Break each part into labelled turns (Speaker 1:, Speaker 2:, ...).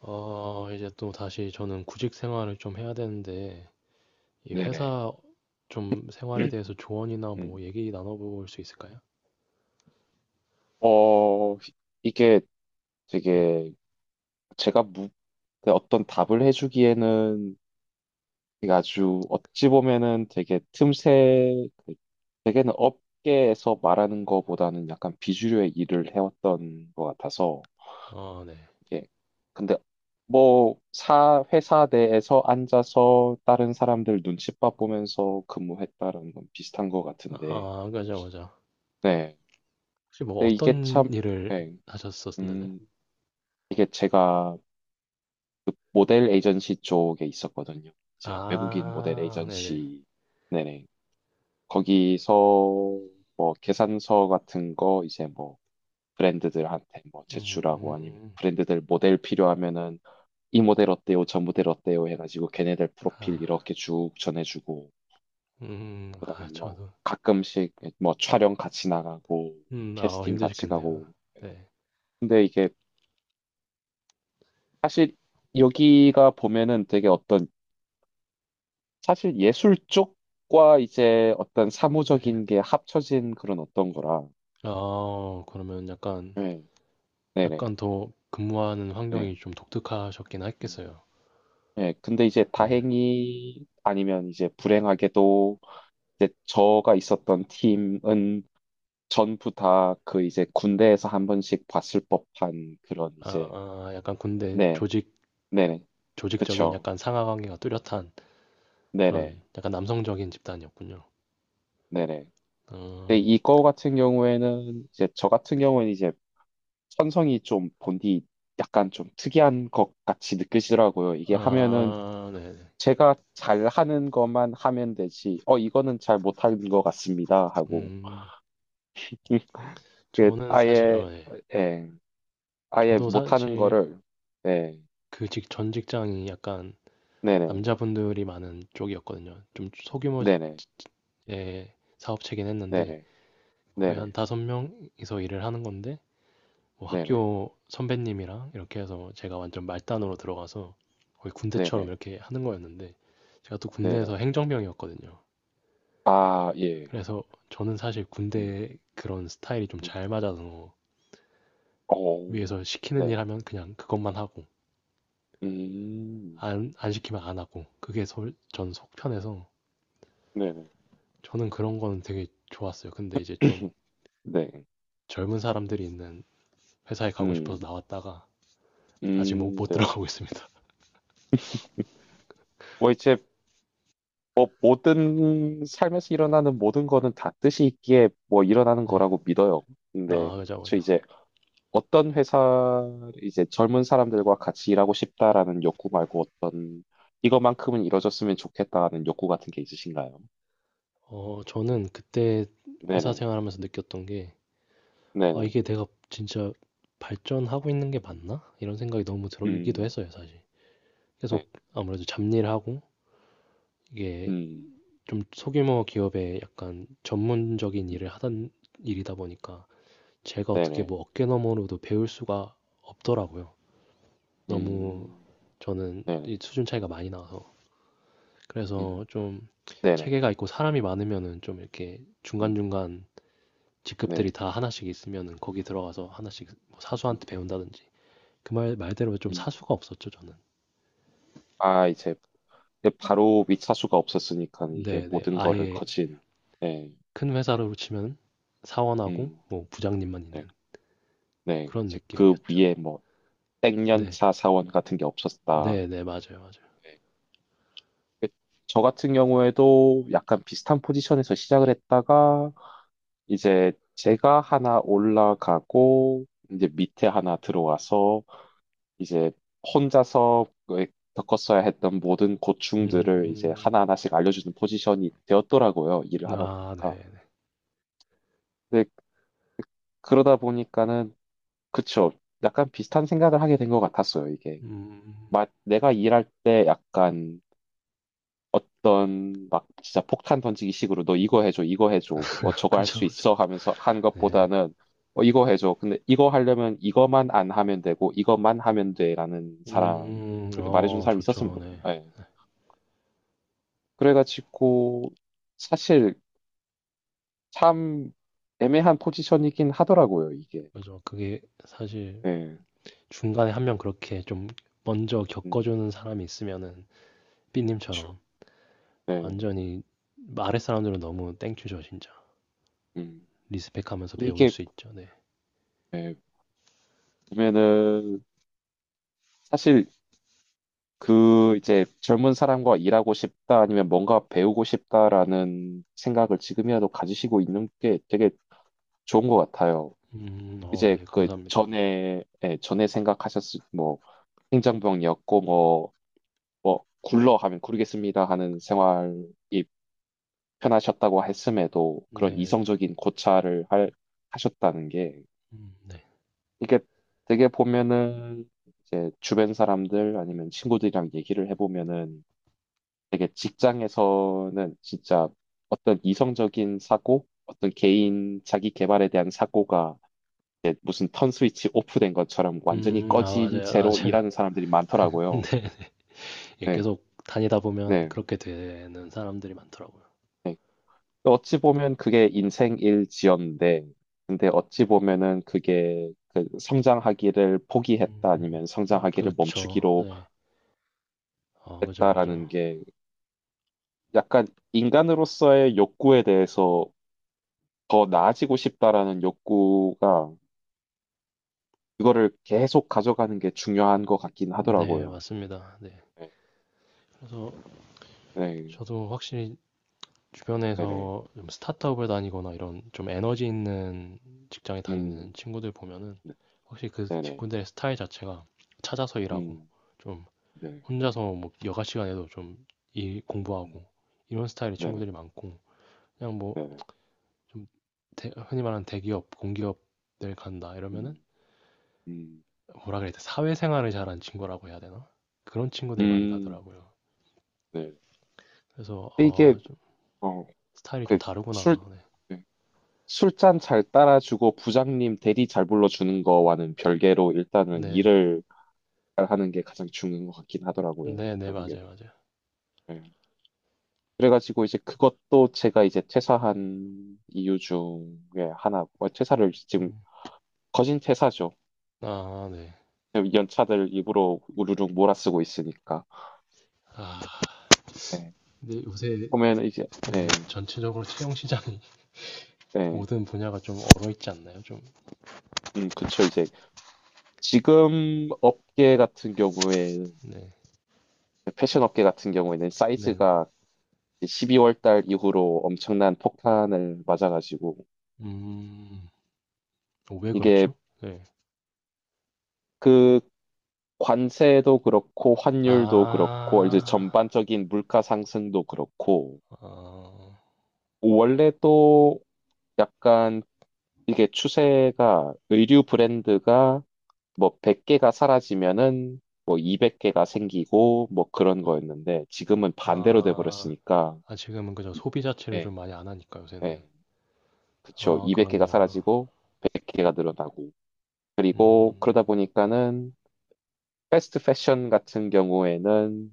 Speaker 1: 이제 또 다시 저는 구직 생활을 좀 해야 되는데, 이
Speaker 2: 네네.
Speaker 1: 회사 좀 생활에 대해서 조언이나 뭐
Speaker 2: 음.
Speaker 1: 얘기 나눠볼 수 있을까요?
Speaker 2: 어, 이게 되게 제가 그 어떤 답을 해주기에는 되게 아주 어찌 보면은 되게 틈새, 그 되게는 업계에서 말하는 거보다는 약간 비주류의 일을 해왔던 것 같아서
Speaker 1: 아, 네.
Speaker 2: 이게 근데 뭐 회사 내에서 앉아서 다른 사람들 눈칫밥 보면서 근무했다는 건 비슷한 것 같은데.
Speaker 1: 아, 맞아, 맞아.
Speaker 2: 네.
Speaker 1: 혹시 뭐
Speaker 2: 근데 이게
Speaker 1: 어떤
Speaker 2: 참,
Speaker 1: 일을
Speaker 2: 네.
Speaker 1: 하셨었나요?
Speaker 2: 음, 이게 제가 모델 에이전시 쪽에 있었거든요. 이제 외국인 모델
Speaker 1: 아, 네네.
Speaker 2: 에이전시, 네네. 거기서 뭐 계산서 같은 거 이제 뭐 브랜드들한테 뭐 제출하고, 아니면
Speaker 1: 음,
Speaker 2: 브랜드들 모델 필요하면은 이 모델 어때요? 저 모델 어때요? 해가지고 걔네들 프로필
Speaker 1: 아,
Speaker 2: 이렇게 쭉 전해주고, 그다음에
Speaker 1: 아,
Speaker 2: 뭐
Speaker 1: 저도.
Speaker 2: 가끔씩 뭐 촬영 같이 나가고
Speaker 1: 아,
Speaker 2: 캐스팅 같이
Speaker 1: 힘드셨겠네요.
Speaker 2: 가고.
Speaker 1: 네.
Speaker 2: 근데 이게 사실 여기가 보면은 되게 어떤 사실 예술 쪽과 이제 어떤
Speaker 1: 네.
Speaker 2: 사무적인 게 합쳐진 그런 어떤 거라.
Speaker 1: 아, 그러면 약간,
Speaker 2: 네, 네네.
Speaker 1: 약간 더 근무하는 환경이
Speaker 2: 네.
Speaker 1: 좀 독특하셨긴
Speaker 2: 음.
Speaker 1: 했겠어요.
Speaker 2: 네, 근데 이제
Speaker 1: 네.
Speaker 2: 다행히 아니면 이제 불행하게도 이제 저가 있었던 팀은 전부 다 그 이제 군대에서 한 번씩 봤을 법한 그런
Speaker 1: 아,
Speaker 2: 이제,
Speaker 1: 아, 약간 군대
Speaker 2: 네,
Speaker 1: 조직,
Speaker 2: 네네,
Speaker 1: 조직적인
Speaker 2: 그쵸,
Speaker 1: 약간 상하 관계가 뚜렷한
Speaker 2: 네네,
Speaker 1: 그런 약간 남성적인 집단이었군요.
Speaker 2: 네네. 근데
Speaker 1: 어,
Speaker 2: 이거 같은 경우에는 이제 저 같은 경우는 이제 천성이 좀 본디 약간 좀 특이한 것 같이 느껴지더라고요. 이게 하면은
Speaker 1: 아, 네. 네.
Speaker 2: 제가 잘 하는 것만 하면 되지. 이거는 잘 못하는 것 같습니다. 하고
Speaker 1: 음,
Speaker 2: 음, 그
Speaker 1: 저는 사실,
Speaker 2: 아예,
Speaker 1: 네.
Speaker 2: 예, 아예
Speaker 1: 저도
Speaker 2: 못하는
Speaker 1: 사실
Speaker 2: 거를, 예,
Speaker 1: 전 직장이 약간
Speaker 2: 네네.
Speaker 1: 남자분들이 많은 쪽이었거든요. 좀 소규모의
Speaker 2: 네네.
Speaker 1: 사업체긴 했는데
Speaker 2: 네네.
Speaker 1: 거의 한
Speaker 2: 네네.
Speaker 1: 다섯 명이서 일을 하는 건데 뭐
Speaker 2: 네네.
Speaker 1: 학교 선배님이랑 이렇게 해서 제가 완전 말단으로 들어가서 거의 군대처럼
Speaker 2: 네네.
Speaker 1: 이렇게 하는 거였는데 제가 또 군대에서
Speaker 2: 네네.
Speaker 1: 행정병이었거든요.
Speaker 2: 아 예,
Speaker 1: 그래서 저는 사실
Speaker 2: 음,
Speaker 1: 군대 그런 스타일이 좀
Speaker 2: 음,
Speaker 1: 잘 맞아서
Speaker 2: 어,
Speaker 1: 위에서 시키는 일
Speaker 2: 네,
Speaker 1: 하면 그냥 그것만 하고
Speaker 2: 음,
Speaker 1: 안 시키면 안 하고 전 속편해서
Speaker 2: 네네.
Speaker 1: 저는 그런 거는 되게 좋았어요. 근데 이제 좀
Speaker 2: 네,
Speaker 1: 젊은 사람들이 있는 회사에 가고 싶어서
Speaker 2: 음,
Speaker 1: 나왔다가 아직 못
Speaker 2: 네네.
Speaker 1: 들어가고 있습니다.
Speaker 2: 뭐 이제 뭐 모든 삶에서 일어나는 모든 거는 다 뜻이 있기에 뭐 일어나는
Speaker 1: 네.
Speaker 2: 거라고 믿어요.
Speaker 1: 나
Speaker 2: 근데
Speaker 1: 그자고
Speaker 2: 저
Speaker 1: 죠
Speaker 2: 이제 어떤 회사, 이제 젊은 사람들과 같이 일하고 싶다라는 욕구 말고 어떤 이거만큼은 이뤄졌으면 좋겠다는 욕구 같은 게 있으신가요?
Speaker 1: 저는 그때 회사
Speaker 2: 네네.
Speaker 1: 생활하면서 느꼈던 게, 아,
Speaker 2: 네네.
Speaker 1: 이게 내가 진짜 발전하고 있는 게 맞나? 이런 생각이 너무 들기도
Speaker 2: 음.
Speaker 1: 했어요, 사실.
Speaker 2: 네.
Speaker 1: 계속 아무래도 잡일 하고, 이게
Speaker 2: 음.
Speaker 1: 좀 소규모 기업에 약간 전문적인 일을 하던 일이다 보니까, 제가 어떻게
Speaker 2: 네네.
Speaker 1: 뭐 어깨너머로도 배울 수가 없더라고요. 너무
Speaker 2: 음.
Speaker 1: 저는
Speaker 2: 네네.
Speaker 1: 이 수준 차이가 많이 나서.
Speaker 2: 음.
Speaker 1: 그래서 좀
Speaker 2: 네네.
Speaker 1: 체계가 있고 사람이 많으면은 좀 이렇게
Speaker 2: 음.
Speaker 1: 중간중간 직급들이
Speaker 2: 네.
Speaker 1: 다 하나씩 있으면은 거기 들어가서 하나씩 뭐
Speaker 2: 음.
Speaker 1: 사수한테 배운다든지 그 말 말대로 좀
Speaker 2: 음.
Speaker 1: 사수가 없었죠 저는.
Speaker 2: 아, 이제 바로 밑차수가 없었으니까 이게
Speaker 1: 네네,
Speaker 2: 모든 거를
Speaker 1: 아예
Speaker 2: 거친. 네.
Speaker 1: 큰 회사로 치면 사원하고
Speaker 2: 음,
Speaker 1: 뭐 부장님만 있는
Speaker 2: 네, 네.
Speaker 1: 그런
Speaker 2: 이제 그
Speaker 1: 느낌이었죠.
Speaker 2: 위에 뭐
Speaker 1: 네.
Speaker 2: 땡년차 사원 같은 게 없었다.
Speaker 1: 네네, 맞아요, 맞아요.
Speaker 2: 네. 그- 저 같은 경우에도 약간 비슷한 포지션에서 시작을 했다가, 이제 제가 하나 올라가고 이제 밑에 하나 들어와서 이제 혼자서 겪었어야 했던 모든 고충들을 이제
Speaker 1: 음,
Speaker 2: 하나하나씩 알려주는 포지션이 되었더라고요. 일을 하다
Speaker 1: 아
Speaker 2: 보니까.
Speaker 1: 네네.
Speaker 2: 근데 그러다 보니까는, 그쵸, 약간 비슷한 생각을 하게 된 것 같았어요, 이게.
Speaker 1: 음,
Speaker 2: 막 내가 일할 때 약간 어떤 막 진짜 폭탄 던지기 식으로 너 이거 해줘, 이거 해줘, 뭐 저거 할
Speaker 1: 그죠,
Speaker 2: 수
Speaker 1: 그죠.
Speaker 2: 있어 하면서 한
Speaker 1: 네.
Speaker 2: 것보다는 이거 해줘. 근데 이거 하려면 이거만 안 하면 되고 이것만 하면 돼라는 사람, 그렇게 말해준 사람이 있었으면.
Speaker 1: 좋죠. 네.
Speaker 2: 예. 그래가지고 사실 참 애매한 포지션이긴 하더라고요 이게.
Speaker 1: 그죠. 그게 사실
Speaker 2: 예.
Speaker 1: 중간에 한 명 그렇게 좀 먼저
Speaker 2: 음.
Speaker 1: 겪어주는 사람이 있으면은
Speaker 2: 그쵸.
Speaker 1: 삐님처럼
Speaker 2: 예.
Speaker 1: 완전히 아랫 사람들은 너무 땡큐죠, 진짜.
Speaker 2: 음.
Speaker 1: 리스펙하면서 배울
Speaker 2: 이게
Speaker 1: 수 있죠. 네.
Speaker 2: 예, 보면은 사실 그 이제 젊은 사람과 일하고 싶다 아니면 뭔가 배우고 싶다라는 생각을 지금이라도 가지시고 있는 게 되게 좋은 것 같아요. 이제
Speaker 1: 네,
Speaker 2: 그
Speaker 1: 감사합니다.
Speaker 2: 전에 예, 전에 생각하셨을 뭐 행정병이었고 뭐 뭐 굴러 하면 구르겠습니다 하는 생활이 편하셨다고 했음에도 그런
Speaker 1: 네,
Speaker 2: 이성적인 고찰을 할, 하셨다는 게,
Speaker 1: 네.
Speaker 2: 이게 되게 보면은 이제 주변 사람들 아니면 친구들이랑 얘기를 해보면은 되게 직장에서는 진짜 어떤 이성적인 사고, 어떤 개인 자기 개발에 대한 사고가 이제 무슨 턴 스위치 오프된 것처럼 완전히
Speaker 1: 아,
Speaker 2: 꺼진
Speaker 1: 맞아요,
Speaker 2: 채로
Speaker 1: 맞아요.
Speaker 2: 일하는 사람들이
Speaker 1: 네,
Speaker 2: 많더라고요.
Speaker 1: 예,
Speaker 2: 네,
Speaker 1: 계속 다니다 보면
Speaker 2: 네,
Speaker 1: 그렇게 되는 사람들이 많더라고요.
Speaker 2: 네. 또 어찌 보면 그게 인생일지언데, 근데 어찌 보면은 그게 그 성장하기를 포기했다 아니면
Speaker 1: 음,
Speaker 2: 성장하기를
Speaker 1: 그렇죠.
Speaker 2: 멈추기로
Speaker 1: 네, 아, 그죠, 그죠.
Speaker 2: 했다라는 게 약간 인간으로서의 욕구에 대해서 더 나아지고 싶다라는 욕구가 이거를 계속 가져가는 게 중요한 것 같긴
Speaker 1: 네,
Speaker 2: 하더라고요.
Speaker 1: 맞습니다. 네.
Speaker 2: 네,
Speaker 1: 그래서
Speaker 2: 네,
Speaker 1: 저도 확실히
Speaker 2: 네네.
Speaker 1: 주변에서 좀 스타트업을 다니거나 이런 좀 에너지 있는 직장에 다니는
Speaker 2: 음,
Speaker 1: 친구들 보면은
Speaker 2: 네,
Speaker 1: 확실히 그
Speaker 2: 네네.
Speaker 1: 친구들의 스타일 자체가 찾아서 일하고
Speaker 2: 음,
Speaker 1: 좀
Speaker 2: 네,
Speaker 1: 혼자서 뭐 여가 시간에도 좀 일
Speaker 2: 음,
Speaker 1: 공부하고 이런 스타일의
Speaker 2: 네네,
Speaker 1: 친구들이 많고 그냥 뭐
Speaker 2: 네네.
Speaker 1: 좀 흔히 말하는 대기업, 공기업들 간다 이러면은
Speaker 2: 음, 음,
Speaker 1: 뭐라 그래야 돼, 사회생활을 잘하는 친구라고 해야 되나, 그런 친구들이 많이
Speaker 2: 음,
Speaker 1: 가더라고요.
Speaker 2: 네.
Speaker 1: 그래서
Speaker 2: 근데 이게,
Speaker 1: 아 좀
Speaker 2: 어,
Speaker 1: 스타일이 좀
Speaker 2: 그, 술,
Speaker 1: 다르구나. 네,
Speaker 2: 네. 술잔 잘 따라주고 부장님 대리 잘 불러주는 거와는 별개로 일단은
Speaker 1: 네,
Speaker 2: 일을 잘 하는 게 가장 중요한 것 같긴
Speaker 1: 네,
Speaker 2: 하더라고요,
Speaker 1: 네, 네,
Speaker 2: 결국에는.
Speaker 1: 맞아요, 맞아요.
Speaker 2: 네. 그래가지고 이제 그것도 제가 이제 퇴사한 이유 중에 하나, 퇴사를 지금
Speaker 1: 음.
Speaker 2: 거진 퇴사죠.
Speaker 1: 아, 네.
Speaker 2: 연차들 입으로 우르르 몰아쓰고 있으니까.
Speaker 1: 아,
Speaker 2: 예.
Speaker 1: 근데 요새
Speaker 2: 보면 이제
Speaker 1: 네,
Speaker 2: 예,
Speaker 1: 전체적으로 채용 시장이
Speaker 2: 예,
Speaker 1: 모든 분야가 좀 얼어 있지 않나요? 좀.
Speaker 2: 그쵸. 이제 지금 업계 같은 경우에
Speaker 1: 네.
Speaker 2: 패션 업계 같은 경우에는
Speaker 1: 네, 네.
Speaker 2: 사이즈가 12월 달 이후로 엄청난 폭탄을 맞아가지고
Speaker 1: 음. 왜
Speaker 2: 이게
Speaker 1: 그렇죠? 네.
Speaker 2: 그 관세도 그렇고 환율도 그렇고 이제
Speaker 1: 아.
Speaker 2: 전반적인 물가 상승도 그렇고,
Speaker 1: 아.
Speaker 2: 원래 또 약간 이게 추세가 의류 브랜드가 뭐 100개가 사라지면은 뭐 200개가 생기고 뭐 그런 거였는데 지금은 반대로
Speaker 1: 아.
Speaker 2: 돼버렸으니까.
Speaker 1: 아, 지금은 그저
Speaker 2: 이-
Speaker 1: 소비 자체를 좀
Speaker 2: 예,
Speaker 1: 많이 안 하니까 요새는.
Speaker 2: 예, 그쵸.
Speaker 1: 아,
Speaker 2: 200개가
Speaker 1: 그렇네요.
Speaker 2: 사라지고 100개가 늘어나고. 그리고 그러다
Speaker 1: 음.
Speaker 2: 보니까는 패스트 패션 같은 경우에는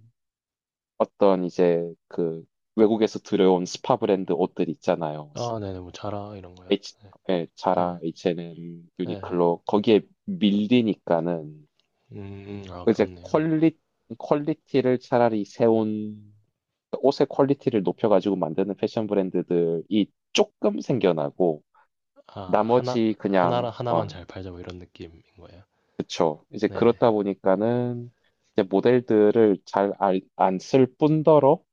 Speaker 2: 어떤 이제 그 외국에서 들여온 스파 브랜드 옷들 있잖아요.
Speaker 1: 아, 네네. 뭐 자라 이런 거야.
Speaker 2: H, 예,
Speaker 1: 네.
Speaker 2: 자라, H&M,
Speaker 1: 네.
Speaker 2: 유니클로 거기에 밀리니까는
Speaker 1: 음. 아,
Speaker 2: 그 이제
Speaker 1: 그렇네요.
Speaker 2: 퀄리티를 차라리 세운, 옷의 퀄리티를 높여가지고 만드는 패션 브랜드들이 조금 생겨나고,
Speaker 1: 아,
Speaker 2: 나머지
Speaker 1: 하나
Speaker 2: 그냥,
Speaker 1: 하나만 잘 팔자 뭐 이런 느낌인 거예요.
Speaker 2: 그쵸. 이제
Speaker 1: 네네.
Speaker 2: 그렇다 보니까는, 이제 모델들을 잘 안 쓸 뿐더러,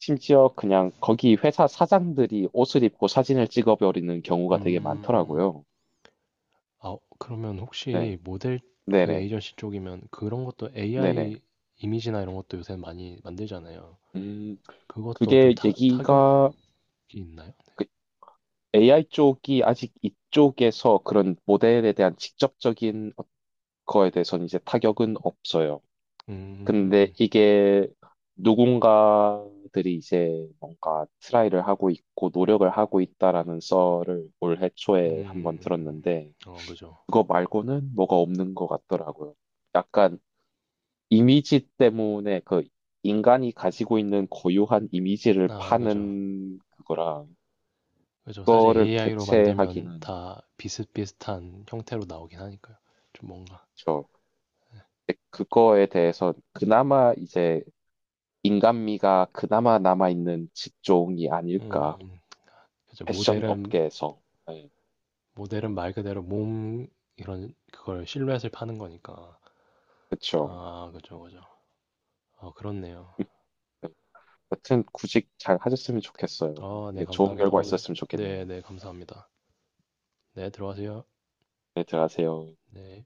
Speaker 2: 심지어 그냥 거기 회사 사장들이 옷을 입고 사진을 찍어버리는 경우가 되게
Speaker 1: 음.
Speaker 2: 많더라고요.
Speaker 1: 아 그러면
Speaker 2: 네.
Speaker 1: 혹시 모델 그
Speaker 2: 네네.
Speaker 1: 에이전시 쪽이면 그런 것도
Speaker 2: 네네.
Speaker 1: AI 이미지나 이런 것도 요새 많이 만들잖아요.
Speaker 2: 음,
Speaker 1: 그것도
Speaker 2: 그게
Speaker 1: 타격이
Speaker 2: 얘기가,
Speaker 1: 있나요?
Speaker 2: 그 AI 쪽이 아직 이쪽에서 그런 모델에 대한 직접적인 거에 대해서는 이제 타격은 없어요.
Speaker 1: 음,
Speaker 2: 근데 이게 누군가들이 이제 뭔가 트라이를 하고 있고 노력을 하고 있다라는 썰을 올해 초에 한번
Speaker 1: 음,
Speaker 2: 들었는데
Speaker 1: 그죠.
Speaker 2: 그거 말고는 뭐가 없는 것 같더라고요. 약간 이미지 때문에 그 인간이 가지고 있는 고유한 이미지를
Speaker 1: 아, 그죠.
Speaker 2: 파는 그거랑
Speaker 1: 그죠. 사실
Speaker 2: 그거를
Speaker 1: AI로 만들면
Speaker 2: 대체하기는,
Speaker 1: 다 비슷비슷한 형태로 나오긴 하니까요. 좀 뭔가,
Speaker 2: 그거에 대해서 그나마 이제 인간미가 그나마 남아있는 직종이
Speaker 1: 음,
Speaker 2: 아닐까.
Speaker 1: 그죠.
Speaker 2: 패션
Speaker 1: 모델은,
Speaker 2: 업계에서. 네,
Speaker 1: 모델은 말 그대로 몸, 이런, 그걸 실루엣을 파는 거니까.
Speaker 2: 그쵸.
Speaker 1: 아, 그죠, 그죠. 어, 그렇네요.
Speaker 2: 음, 네. 여튼 구직 잘 하셨으면 좋겠어요.
Speaker 1: 아 네
Speaker 2: 이게 좋은
Speaker 1: 감사합니다.
Speaker 2: 결과
Speaker 1: 오늘
Speaker 2: 있었으면 좋겠네요.
Speaker 1: 네네 감사합니다. 네 들어가세요.
Speaker 2: 네, 들어가세요.
Speaker 1: 네.